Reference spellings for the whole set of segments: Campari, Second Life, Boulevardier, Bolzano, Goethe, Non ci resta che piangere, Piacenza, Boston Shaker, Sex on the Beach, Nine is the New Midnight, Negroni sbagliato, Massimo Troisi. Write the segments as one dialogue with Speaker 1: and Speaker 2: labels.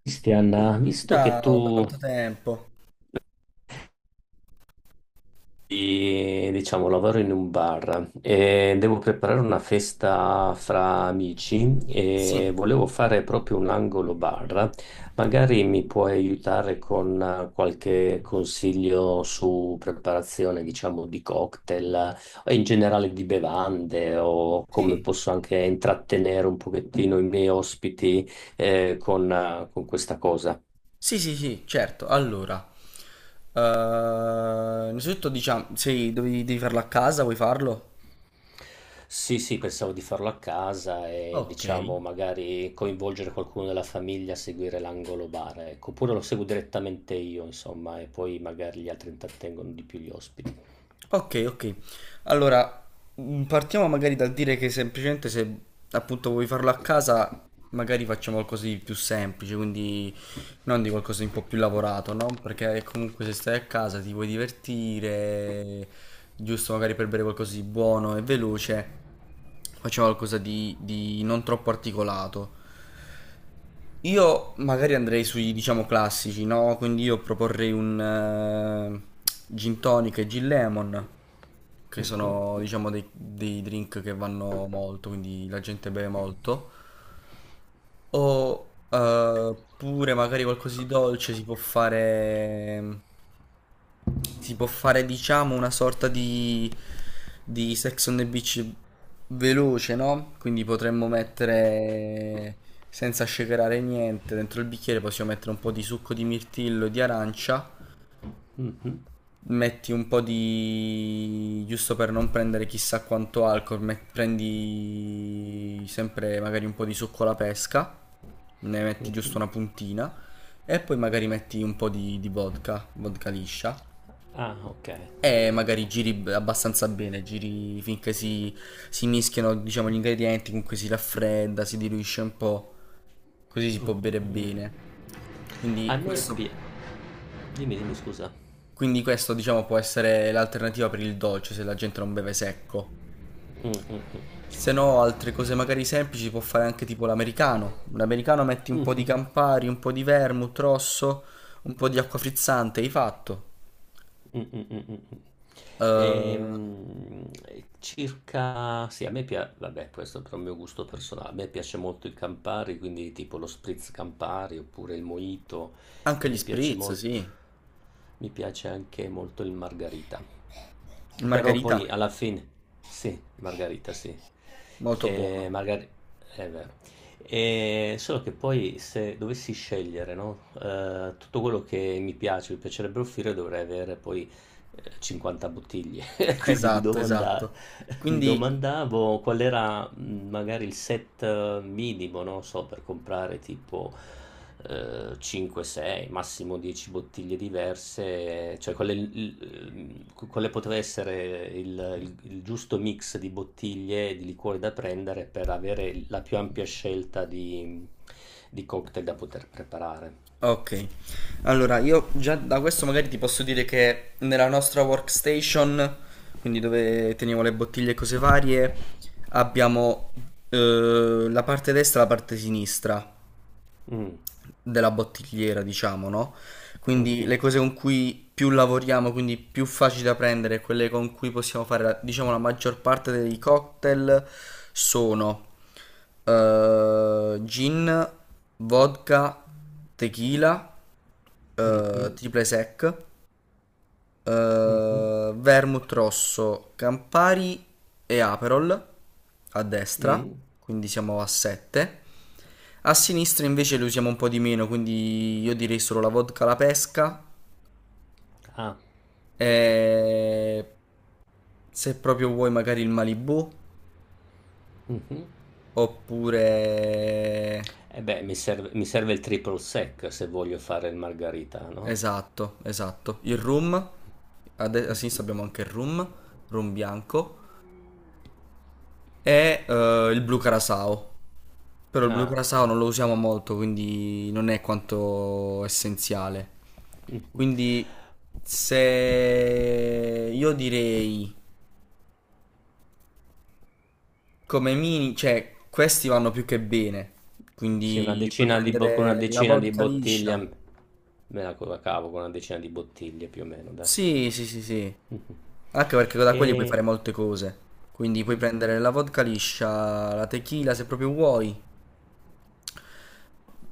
Speaker 1: Cristian, visto che
Speaker 2: Ciao, da
Speaker 1: tu,
Speaker 2: quanto tempo?
Speaker 1: diciamo, lavoro in un bar e devo preparare una festa fra amici e
Speaker 2: Sì.
Speaker 1: volevo fare proprio un angolo bar, magari mi puoi aiutare con qualche consiglio su preparazione, diciamo, di cocktail, o in generale di bevande o come
Speaker 2: Sì.
Speaker 1: posso anche intrattenere un pochettino i miei ospiti, con questa cosa.
Speaker 2: Sì, sì, sì, certo. Allora, eh, innanzitutto diciamo, sei, dovevi, devi farlo a casa, vuoi farlo?
Speaker 1: Sì, sì, pensavo di farlo a casa e
Speaker 2: Ok.
Speaker 1: diciamo magari coinvolgere qualcuno della famiglia a seguire l'angolo bar, ecco, oppure lo seguo direttamente io, insomma, e poi magari gli altri intrattengono di più gli ospiti.
Speaker 2: Ok, ok. Allora, partiamo magari dal dire che semplicemente se appunto vuoi farlo a casa, magari facciamo qualcosa di più semplice, quindi non di qualcosa di un po' più lavorato, no? Perché comunque se stai a casa ti vuoi divertire, giusto magari per bere qualcosa di buono e veloce, facciamo qualcosa di non troppo articolato. Io magari andrei sui, diciamo, classici, no? Quindi io proporrei un gin tonic e gin lemon, che sono
Speaker 1: Mhm,
Speaker 2: diciamo dei drink che vanno molto, quindi la gente beve molto, o pure magari qualcosa di dolce si può fare diciamo una sorta di Sex on the Beach veloce, no? Quindi potremmo mettere, senza shakerare niente, dentro il bicchiere possiamo mettere un po' di succo di mirtillo e di arancia,
Speaker 1: mhm,
Speaker 2: metti un po' di giusto per non prendere chissà quanto alcol, prendi sempre magari un po' di succo alla pesca, ne metti giusto
Speaker 1: mhm.
Speaker 2: una puntina e poi magari metti un po' di vodka, vodka liscia.
Speaker 1: Ah, ok, ok,
Speaker 2: E magari
Speaker 1: ok.
Speaker 2: abbastanza bene, giri finché si, si mischiano, diciamo, gli ingredienti, comunque si raffredda, si diluisce un po', così si
Speaker 1: Mm,
Speaker 2: può bere
Speaker 1: mm, mm.
Speaker 2: bene.
Speaker 1: A
Speaker 2: Quindi
Speaker 1: me pi-
Speaker 2: questo,
Speaker 1: Dimmi, dimmi, scusa.
Speaker 2: quindi questo, diciamo, può essere l'alternativa per il dolce se la gente non beve secco.
Speaker 1: Mm,
Speaker 2: Se no, altre cose magari semplici può fare anche tipo l'americano. L'americano metti un
Speaker 1: mm,
Speaker 2: po' di
Speaker 1: mm.
Speaker 2: Campari, un po' di vermouth rosso, un po' di acqua frizzante, hai fatto.
Speaker 1: Mm, mm, mm, mm, mm.
Speaker 2: Eh,
Speaker 1: Ehm, circa, sì, a me piace, vabbè, questo è per il mio gusto personale, a me piace molto il Campari, quindi tipo lo spritz Campari oppure il mojito
Speaker 2: anche
Speaker 1: e
Speaker 2: gli
Speaker 1: mi piace
Speaker 2: spritz,
Speaker 1: molto,
Speaker 2: sì.
Speaker 1: mi piace anche molto il margarita.
Speaker 2: Il
Speaker 1: Però
Speaker 2: margarita,
Speaker 1: poi alla fine, sì, margarita, sì.
Speaker 2: molto
Speaker 1: E
Speaker 2: buono.
Speaker 1: margarita, e solo che poi se dovessi scegliere, no, tutto quello che mi piace, mi piacerebbe offrire, dovrei avere poi 50 bottiglie. Quindi
Speaker 2: Esatto, esatto.
Speaker 1: mi
Speaker 2: Quindi,
Speaker 1: domandavo qual era, magari il set minimo, non so, per comprare tipo 5-6, massimo 10 bottiglie diverse, cioè quale, quale poteva essere il giusto mix di bottiglie e di liquori da prendere per avere la più ampia scelta di cocktail da poter preparare.
Speaker 2: ok, allora io già da questo magari ti posso dire che nella nostra workstation, quindi dove teniamo le bottiglie e cose varie, abbiamo la parte destra e la parte sinistra
Speaker 1: Mm,
Speaker 2: della bottigliera, diciamo, no? Quindi
Speaker 1: mhm,
Speaker 2: le cose con cui più lavoriamo, quindi più facili da prendere, quelle con cui possiamo fare, diciamo, la maggior parte dei cocktail sono gin, vodka, tequila,
Speaker 1: mhm,
Speaker 2: triple sec,
Speaker 1: mhm,
Speaker 2: vermouth rosso, Campari e Aperol a destra,
Speaker 1: mm.
Speaker 2: quindi siamo a 7. A sinistra invece lo usiamo un po' di meno, quindi io direi solo la vodka alla pesca
Speaker 1: Ah,
Speaker 2: e se proprio vuoi magari il Malibu
Speaker 1: mhm.
Speaker 2: oppure,
Speaker 1: Eh beh, mi serve il triple sec se voglio fare il margaritano.
Speaker 2: esatto, esatto, il rum. A, a
Speaker 1: Mh.
Speaker 2: sinistra abbiamo anche il rum, rum bianco. È il blu carasao. Però il blu
Speaker 1: Ah,
Speaker 2: carasao
Speaker 1: o
Speaker 2: non lo usiamo molto, quindi non è quanto essenziale.
Speaker 1: mh-mh.
Speaker 2: Quindi se io direi come mini, cioè questi vanno più che bene.
Speaker 1: Sì, una
Speaker 2: Quindi puoi
Speaker 1: decina di bo con una
Speaker 2: prendere la
Speaker 1: decina di
Speaker 2: vodka
Speaker 1: bottiglie,
Speaker 2: liscia.
Speaker 1: m me la co la cavo con una decina di bottiglie più o meno, dai.
Speaker 2: Sì, sì, sì, sì.
Speaker 1: Mh-mh.
Speaker 2: Anche perché da quelli puoi
Speaker 1: E
Speaker 2: fare molte cose. Quindi puoi
Speaker 1: mh,
Speaker 2: prendere la vodka liscia, la tequila se proprio vuoi.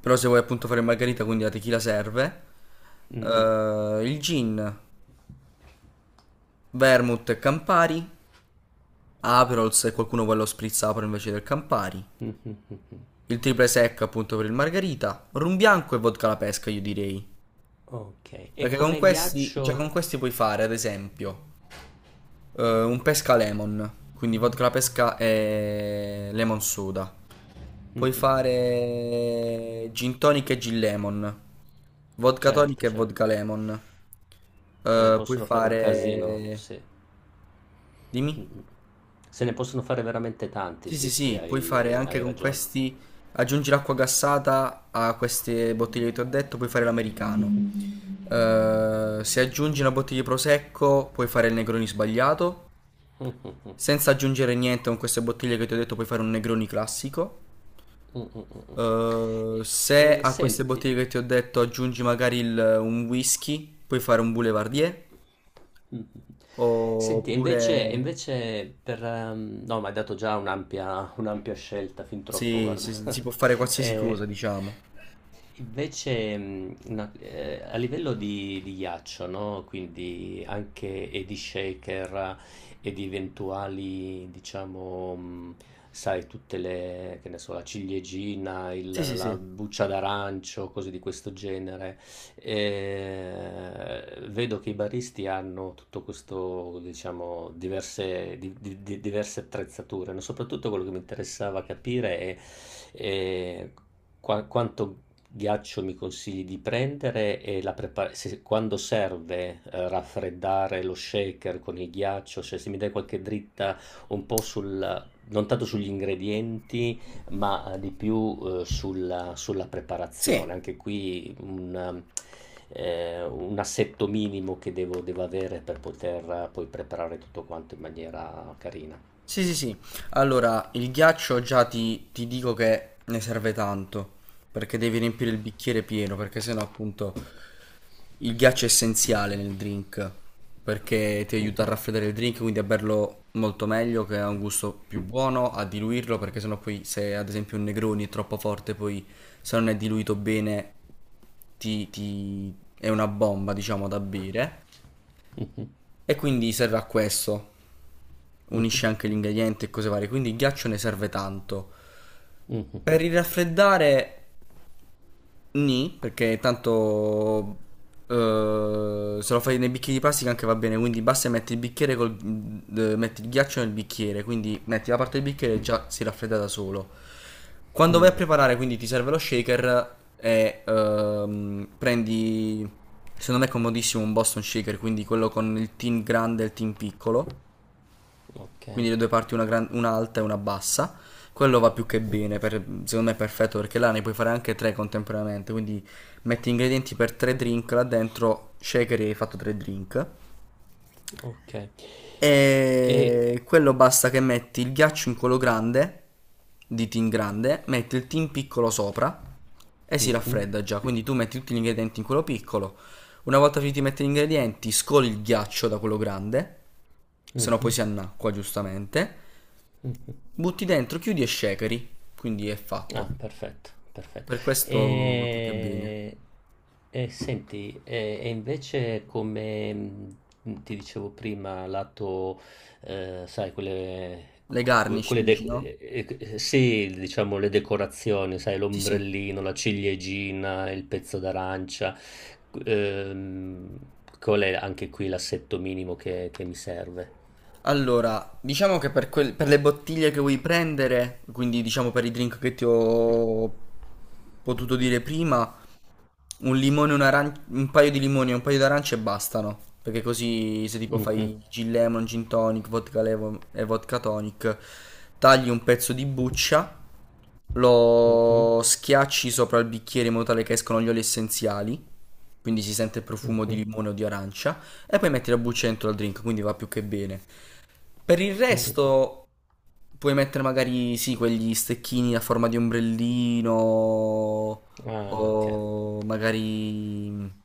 Speaker 2: Però se vuoi appunto fare margarita, quindi la tequila serve.
Speaker 1: mh-mh,
Speaker 2: Il gin, vermouth e Campari. Aperol se qualcuno vuole lo spritz Aperol invece del Campari.
Speaker 1: mh-mh, mh-mh.
Speaker 2: Il triple sec appunto per il margarita. Rum bianco e vodka alla pesca io direi.
Speaker 1: Okay, e
Speaker 2: Perché con
Speaker 1: come
Speaker 2: questi, già
Speaker 1: ghiaccio,
Speaker 2: con questi puoi fare ad esempio un pesca lemon, quindi vodka alla pesca e lemon soda. Puoi
Speaker 1: mh,
Speaker 2: fare gin tonic e gin lemon, vodka tonic
Speaker 1: certo,
Speaker 2: e
Speaker 1: certo.
Speaker 2: vodka lemon.
Speaker 1: Se ne
Speaker 2: Puoi
Speaker 1: possono fare un casino,
Speaker 2: fare...
Speaker 1: sì.
Speaker 2: Dimmi?
Speaker 1: Mh-mh. Se ne possono fare veramente tanti,
Speaker 2: Sì,
Speaker 1: sì,
Speaker 2: sì,
Speaker 1: sì,
Speaker 2: sì, puoi fare
Speaker 1: hai
Speaker 2: anche
Speaker 1: hai
Speaker 2: con
Speaker 1: ragione.
Speaker 2: questi... Aggiungi l'acqua gassata a queste bottiglie che ti ho detto, puoi fare l'americano. Se aggiungi una bottiglia di prosecco, puoi fare il Negroni sbagliato.
Speaker 1: Mh.
Speaker 2: Senza aggiungere niente con queste bottiglie che ti ho detto puoi fare un Negroni classico.
Speaker 1: Mm, mm, mm. E-
Speaker 2: Se
Speaker 1: e
Speaker 2: a queste
Speaker 1: senti,
Speaker 2: bottiglie che ti ho detto aggiungi magari un whisky, puoi fare un Boulevardier.
Speaker 1: mm. Mm. Senti, e
Speaker 2: Oppure...
Speaker 1: invece, e invece per, no, mi hai dato già un'ampia scelta, fin troppo,
Speaker 2: Sì,
Speaker 1: guarda.
Speaker 2: sì, sì, si può fare qualsiasi
Speaker 1: Eh,
Speaker 2: cosa, diciamo.
Speaker 1: Invece, a livello di ghiaccio, no? Quindi anche e di shaker e di eventuali, diciamo, sai, tutte le, che ne so, la ciliegina,
Speaker 2: Sì, sì,
Speaker 1: la
Speaker 2: sì.
Speaker 1: buccia d'arancio, cose di questo genere. Vedo che i baristi hanno tutto questo, diciamo, diverse, diverse attrezzature, no? Soprattutto quello che mi interessava capire è, eh, quanto ghiaccio mi consigli di prendere e la quando serve, raffreddare lo shaker con il ghiaccio, cioè se mi dai qualche dritta un po' sul, non tanto sugli ingredienti, ma di più, sulla
Speaker 2: Sì,
Speaker 1: preparazione. Anche qui un assetto minimo che devo avere per poter, poi preparare tutto quanto in maniera carina.
Speaker 2: sì, sì, sì. Allora, il ghiaccio già ti dico che ne serve tanto, perché devi riempire il bicchiere pieno, perché sennò appunto il ghiaccio è essenziale nel drink perché ti aiuta a raffreddare il drink, quindi a berlo molto meglio, che ha un gusto più buono, a diluirlo, perché sennò poi se ad esempio un Negroni è troppo forte, poi se non è diluito bene ti, ti- è una bomba, diciamo, da bere. E quindi serve a questo. Unisce anche gli ingredienti e cose varie, quindi il ghiaccio ne serve tanto. Per il raffreddare nì, perché tanto se lo fai nei bicchieri di plastica anche va bene, quindi basta che metti il bicchiere col, metti il ghiaccio nel bicchiere, quindi metti la parte del bicchiere e già si raffredda da solo. Quando
Speaker 1: Mh,
Speaker 2: vai a preparare, quindi ti serve lo shaker e prendi, secondo me è comodissimo un Boston Shaker, quindi quello con il tin grande e il tin piccolo,
Speaker 1: okay,
Speaker 2: quindi le due parti, una, una alta e una bassa. Quello va più che bene, secondo me è perfetto perché là ne puoi fare anche tre contemporaneamente, quindi metti ingredienti per tre drink là dentro, shaker e hai fatto tre drink.
Speaker 1: okay. E
Speaker 2: E quello basta che metti il ghiaccio in quello grande, di tin grande, metti il tin piccolo sopra e si
Speaker 1: Mh-mh.
Speaker 2: raffredda già, quindi tu metti tutti gli ingredienti in quello piccolo. Una volta finiti di mettere gli ingredienti, scoli il ghiaccio da quello grande, se no
Speaker 1: Mh-mh,
Speaker 2: poi si annacqua giustamente.
Speaker 1: mh.
Speaker 2: Butti dentro, chiudi e shakeri, quindi è
Speaker 1: Ah,
Speaker 2: fatto.
Speaker 1: perfetto, perfetto.
Speaker 2: Per questo tutto è bene.
Speaker 1: E, e senti, e invece come, ti dicevo prima, lato, sai, quelle,
Speaker 2: Le
Speaker 1: que-
Speaker 2: garnish
Speaker 1: quelle
Speaker 2: dici, no?
Speaker 1: de- eh, sì, diciamo le decorazioni, sai,
Speaker 2: Sì, sì.
Speaker 1: l'ombrellino, la ciliegina, il pezzo d'arancia, ehm, qual è anche qui l'assetto minimo che mi serve?
Speaker 2: Allora, diciamo che per, per le bottiglie che vuoi prendere, quindi diciamo per i drink che ti ho potuto dire prima, un paio di limoni e un paio d'arance bastano. Perché così se tipo
Speaker 1: Mhm,
Speaker 2: fai gin lemon, gin tonic, vodka lemon e vodka tonic, tagli un pezzo di buccia,
Speaker 1: mhm,
Speaker 2: lo schiacci sopra il bicchiere in modo tale che escono gli oli essenziali, quindi si sente il profumo di
Speaker 1: mhm,
Speaker 2: limone o di arancia, e poi metti la buccia dentro al drink, quindi va più che bene. Per il
Speaker 1: mhm.
Speaker 2: resto puoi mettere magari, sì, quegli stecchini a forma di ombrellino,
Speaker 1: Ah, ok,
Speaker 2: o magari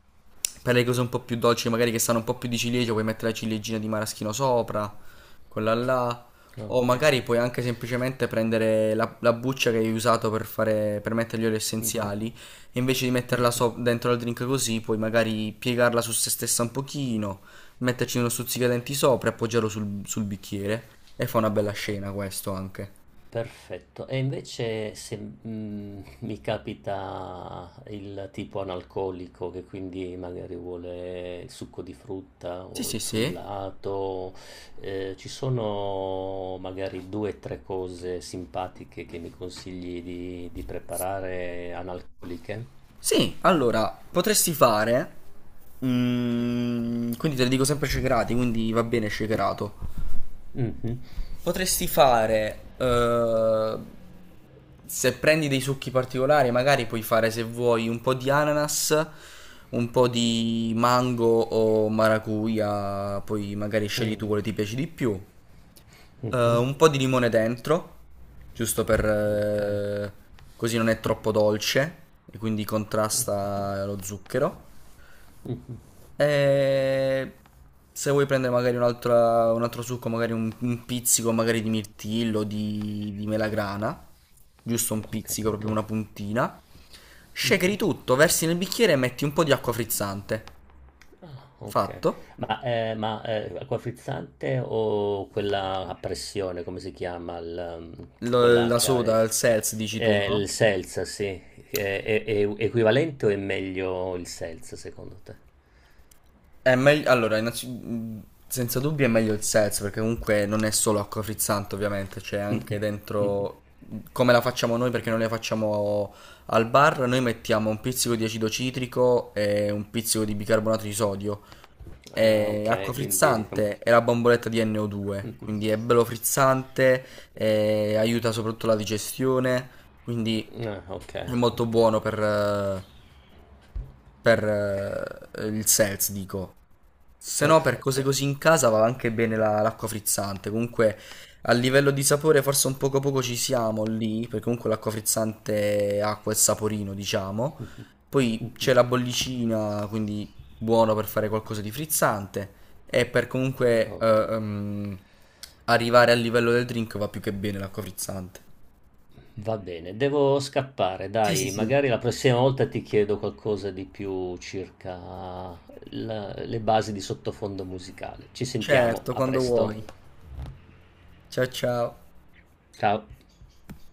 Speaker 2: per le cose un po' più dolci, magari che sanno un po' più di ciliegia, puoi mettere la ciliegina di maraschino sopra. Quella là, o
Speaker 1: ok.
Speaker 2: magari puoi anche semplicemente prendere la, la buccia che hai usato per fare, per mettere gli oli essenziali, e invece di metterla dentro al drink così, puoi magari piegarla su se stessa un pochino, metterci uno stuzzicadenti sopra e appoggiarlo sul, sul bicchiere, e fa una bella
Speaker 1: Ok,
Speaker 2: scena questo anche.
Speaker 1: perfetto. E invece se, mi capita il tipo analcolico che quindi magari vuole il succo di frutta
Speaker 2: Sì,
Speaker 1: o il
Speaker 2: sì, sì.
Speaker 1: frullato, ci sono magari due o tre cose simpatiche che mi consigli di preparare analcoliche?
Speaker 2: Sì, allora, potresti fare... quindi te le dico sempre shakerato, quindi va bene shakerato.
Speaker 1: Mhm,
Speaker 2: Potresti fare, se prendi dei succhi particolari, magari puoi fare se vuoi un po' di ananas, un po' di mango o maracuja, poi magari scegli tu quello che ti piace di più.
Speaker 1: mhm,
Speaker 2: Un po' di limone dentro, giusto per,
Speaker 1: ok,
Speaker 2: così non è troppo dolce e quindi contrasta lo zucchero.
Speaker 1: Mm,
Speaker 2: E se vuoi prendere magari un altro succo, magari un pizzico magari di mirtillo, di melagrana, giusto un
Speaker 1: ho
Speaker 2: pizzico, proprio
Speaker 1: capito.
Speaker 2: una puntina, shakeri tutto, versi nel bicchiere e metti un po' di acqua frizzante.
Speaker 1: Ah, ok.
Speaker 2: Fatto.
Speaker 1: Ma acqua frizzante o quella a pressione, come si chiama? Il, um, quella
Speaker 2: La
Speaker 1: che ha
Speaker 2: soda, il seltz, dici tu, no?
Speaker 1: il seltz, sì. È equivalente o è meglio il seltz, secondo te?
Speaker 2: È meglio, allora, senza dubbio è meglio il Sez, perché comunque non è solo acqua frizzante, ovviamente, c'è anche dentro come la facciamo noi, perché noi la facciamo al bar, noi mettiamo un pizzico di acido citrico e un pizzico di bicarbonato di sodio,
Speaker 1: Ah,
Speaker 2: è
Speaker 1: ok,
Speaker 2: acqua
Speaker 1: quindi.
Speaker 2: frizzante e la bomboletta di NO2, quindi è bello frizzante, aiuta soprattutto la digestione, quindi
Speaker 1: Ah, ok,
Speaker 2: è molto
Speaker 1: ok.
Speaker 2: buono per il seltz, dico. Se no, per cose
Speaker 1: Perfetto.
Speaker 2: così in casa va anche bene l'acqua frizzante. Comunque, a livello di sapore, forse un poco poco ci siamo lì, perché comunque l'acqua frizzante ha quel saporino, diciamo. Poi c'è la bollicina, quindi buono per fare qualcosa di frizzante e per comunque
Speaker 1: Ok.
Speaker 2: arrivare al livello del drink va più che bene l'acqua frizzante.
Speaker 1: Va bene, devo scappare,
Speaker 2: Sì, sì,
Speaker 1: dai, magari
Speaker 2: sì.
Speaker 1: la prossima volta ti chiedo qualcosa di più circa le basi di sottofondo musicale. Ci sentiamo,
Speaker 2: Certo,
Speaker 1: a
Speaker 2: quando vuoi.
Speaker 1: presto.
Speaker 2: Ciao ciao.
Speaker 1: Ciao.